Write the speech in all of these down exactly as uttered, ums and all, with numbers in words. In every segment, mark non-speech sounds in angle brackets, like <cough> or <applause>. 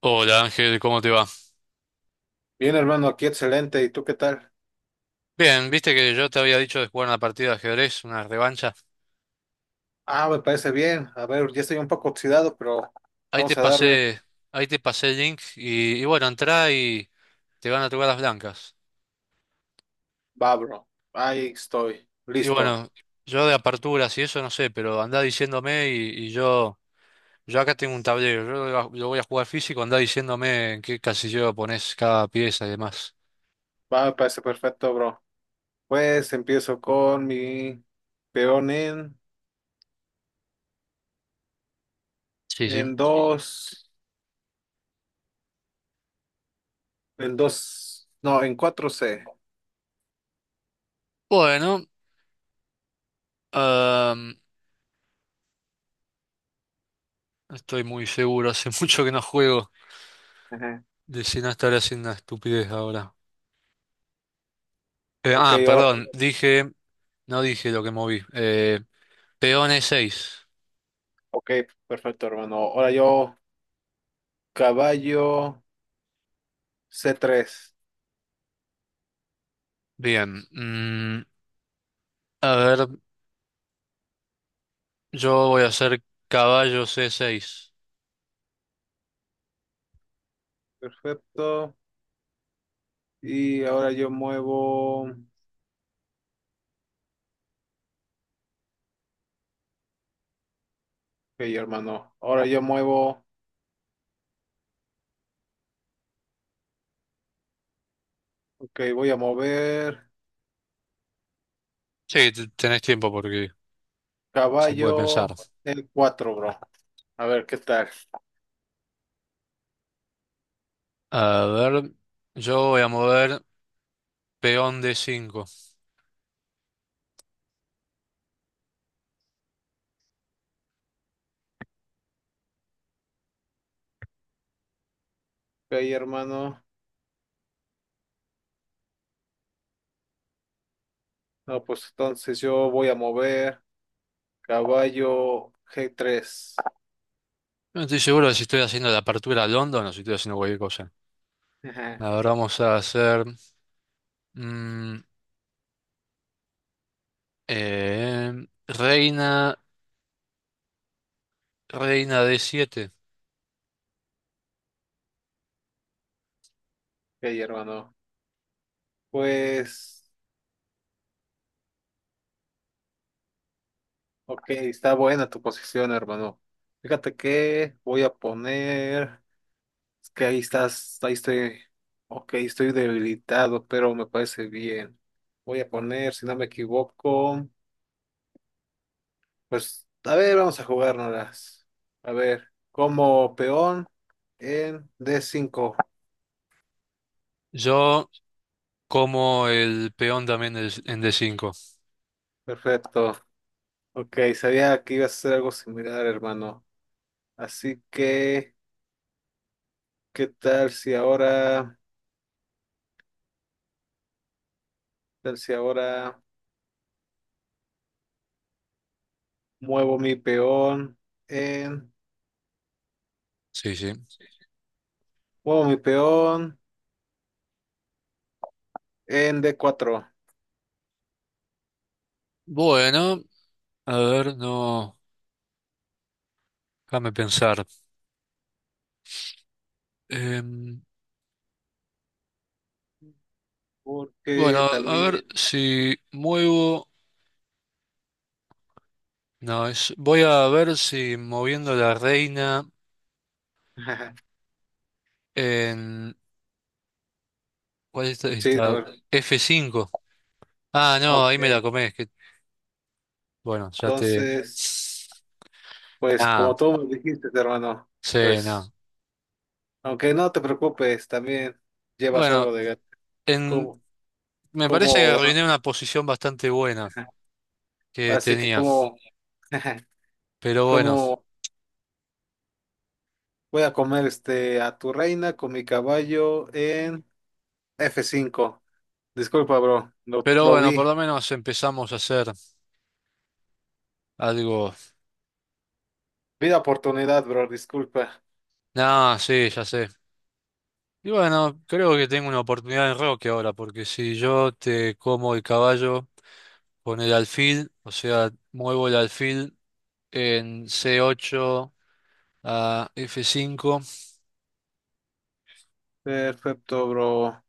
Hola Ángel, ¿cómo te va? Bien, hermano, aquí excelente. ¿Y tú qué tal? Bien, viste que yo te había dicho de jugar una partida de ajedrez, una revancha. Ah, me parece bien. A ver, ya estoy un poco oxidado, pero Ahí te vamos a darle. pasé, ahí te pasé el link y, y bueno, entrá y te van a tocar las blancas. Va, bro. Ahí estoy. Y Listo. bueno, yo de aperturas y eso no sé, pero andá diciéndome y, y yo, yo acá tengo un tablero, yo lo, va- lo voy a jugar físico, andá diciéndome en qué casillero pones cada pieza y demás. Va, me parece perfecto, bro. Pues empiezo con mi peón en, Sí, sí. en dos, en dos, no, en cuatro c. Bueno, ah, estoy muy seguro, hace <laughs> mucho que no juego, Ajá. de si no estaré haciendo una estupidez ahora. Eh, Ok, ah, ahora, perdón, dije, no dije lo que moví. Eh, peones seis. ok, perfecto, hermano. Ahora yo, caballo c tres. Bien. mm, a ver, yo voy a hacer caballo C seis. Perfecto. Y ahora yo muevo. Ok, hermano. Ahora yo muevo. Ok, voy a mover Sí, t- tenés tiempo porque se puede pensar. caballo el cuatro, bro. A ver, ¿qué tal? Ok, A ver, yo voy a mover peón D cinco. hermano. No, pues entonces yo voy a mover caballo g tres. No estoy seguro de si estoy haciendo la apertura a London o no, si estoy haciendo cualquier cosa. Ajá. Ahora vamos a hacer mm, eh, reina, reina D siete. Ok, hermano. Pues, ok, está buena tu posición, hermano. Fíjate que voy a poner... Es que ahí estás, ahí estoy... Ok, estoy debilitado, pero me parece bien. Voy a poner, si no me equivoco. Pues, a ver, vamos a jugárnoslas. A ver, como peón en d cinco. Yo Como el peón también es- en d cinco. Perfecto. Ok, sabía que iba a hacer algo similar, hermano. Así que, ¿qué tal si ahora, qué tal si ahora muevo mi peón en, Sí, sí. muevo mi peón en d cuatro. Bueno, a ver, no. Déjame pensar. Em, Porque bueno, a ver también, si muevo. No, es, voy a ver si moviendo la reina <laughs> en. ¿Cuál es esta? sí, a esta? ver, F cinco. Ah, no, ahí ok, me la comés. Que, bueno, ya te. entonces, pues Ah, como tú me dijiste, hermano, sí, no. pues. Aunque no te preocupes, también llevas Bueno, algo de gato. en, Como, me parece que como, arruiné una posición bastante buena que así que tenía. como, <laughs> Pero bueno. como voy a comer este a tu reina con mi caballo en f cinco. Disculpa, bro, lo, Pero lo bueno, vi. por lo menos empezamos a hacer algo. Vi la oportunidad, bro, disculpa. Nah, sí, ya sé. Y bueno, creo que tengo una oportunidad en Roque ahora, porque si yo te como el caballo con el alfil, o sea, muevo el alfil en C ocho a F cinco, Perfecto, bro.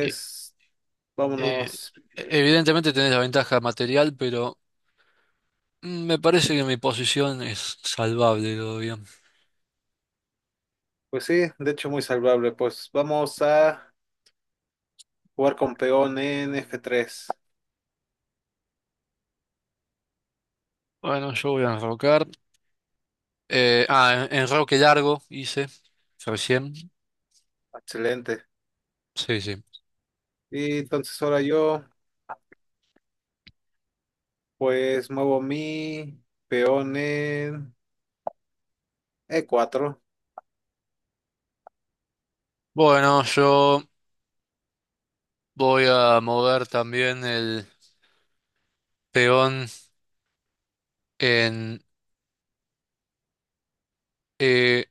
e- eh, vámonos. eh, evidentemente tenés la ventaja material, pero mm, me parece que mi posición es salvable todavía. Pues sí, de hecho muy salvable. Pues vamos a jugar con peón en f tres. Bueno, yo voy a enrocar. Eh, ah, en- enroque largo hice recién. Excelente. Sí, sí. Y entonces ahora yo. Pues muevo mi peón en e cuatro. Bueno, yo voy a mover también el peón en eh,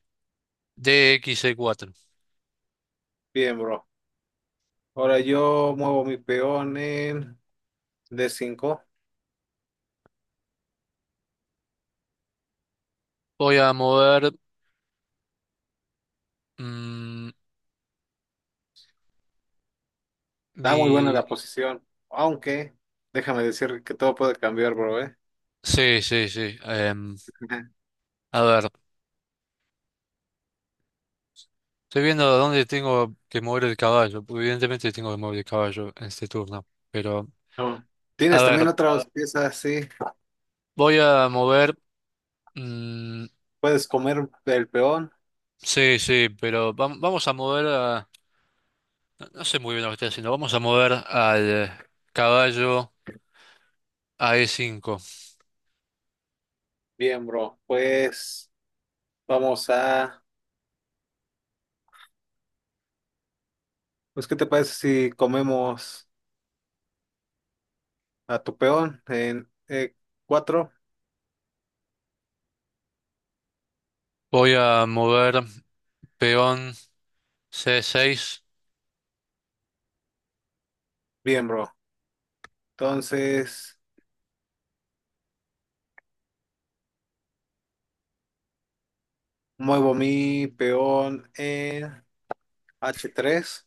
D por C cuatro. Bien, bro. Ahora yo muevo mi peón en d cinco. Voy a mover mm, Está muy buena mi... la posición. Aunque, déjame decir que todo puede cambiar, bro, ¿eh? Sí, sí, sí. em, <laughs> Ajá. a ver, estoy viendo dónde tengo que mover el caballo. Porque evidentemente tengo que mover el caballo en este turno. Pero, No. a Tienes también. ver, Ah, otras piezas, sí. voy a mover... mm, Puedes comer el peón. sí, sí, pero vam- vamos a mover a... No no sé muy bien lo que estoy haciendo. Vamos a mover al caballo a e cinco. Bien, bro. Pues vamos a... Pues, ¿qué te parece si comemos a tu peón en e cuatro. Voy a mover peón c seis. Bien, bro. Entonces... Muevo mi peón en H tres.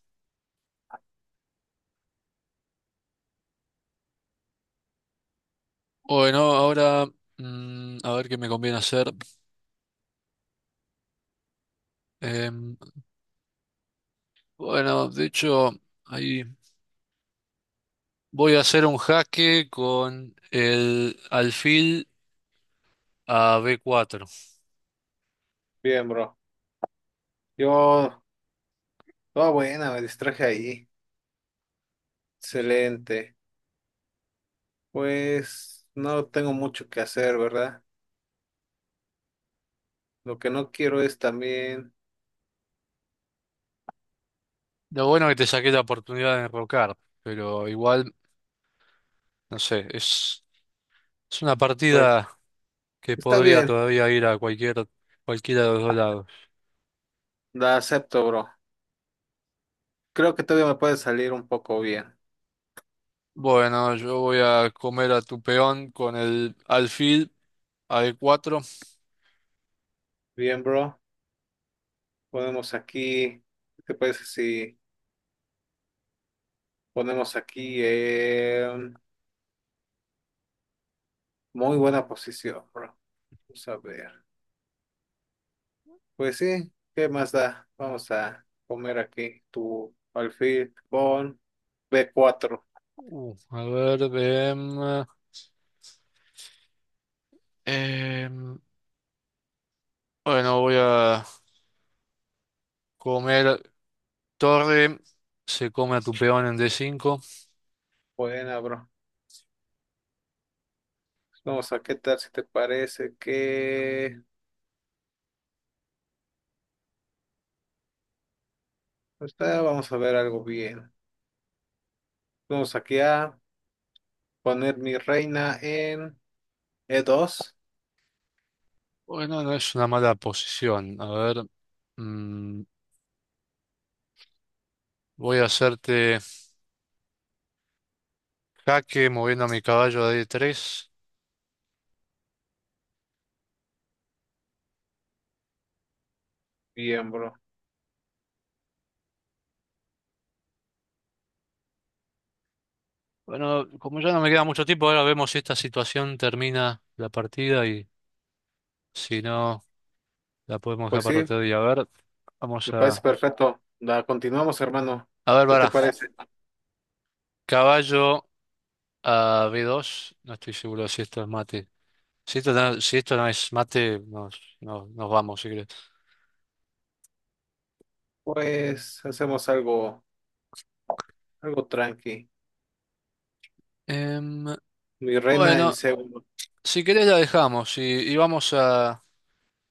Bueno, ahora mm, a ver qué me conviene hacer. Em, bueno, de hecho, ahí voy a hacer un jaque con el alfil a b cuatro. Bien, bro. Yo, toda buena, me distraje ahí. Excelente. Pues no tengo mucho que hacer, ¿verdad? Lo que no quiero es también, Lo bueno que te saqué la oportunidad de enrocar, pero igual, no sé, es, es una pues, partida que está podría bien, todavía ir a cualquier, cualquiera de los dos lados. la acepto, bro. Creo que todavía me puede salir un poco bien. Bueno, yo voy a comer a tu peón con el alfil a d cuatro. Bien, bro. Ponemos aquí, ¿qué te parece si ponemos aquí en muy buena posición, bro? Vamos a ver. Pues sí, ¿qué más da? Vamos a comer aquí tu alfil con B cuatro. Uh, a ver, em, em, bueno, voy a comer torre, se come a tu peón en D cinco. Buena, bro. Vamos a qué tal si te parece que... Pues nada, vamos a ver algo bien. Vamos aquí a poner mi reina en E dos. Bueno, no es una mala posición. A ver, mm, voy a hacerte jaque moviendo a mi caballo a D tres. Bien, bro. Bueno, como ya no me queda mucho tiempo, ahora vemos si esta situación termina la partida y si no, la podemos dejar Pues para sí, otro día. A ver, vamos me parece a... perfecto. La continuamos, hermano. A ver, ¿Qué te para. parece? Caballo a B dos. No estoy seguro si esto es mate. Si esto no, si esto no es mate, nos, nos, nos vamos, si querés. Pues hacemos algo, algo tranqui. Em, Mi reina en bueno, C uno. si querés la dejamos y, y vamos a...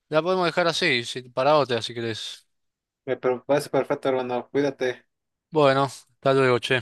La podemos dejar así, si, para otra, si querés. Me parece perfecto, hermano. Cuídate. Bueno, hasta luego, che.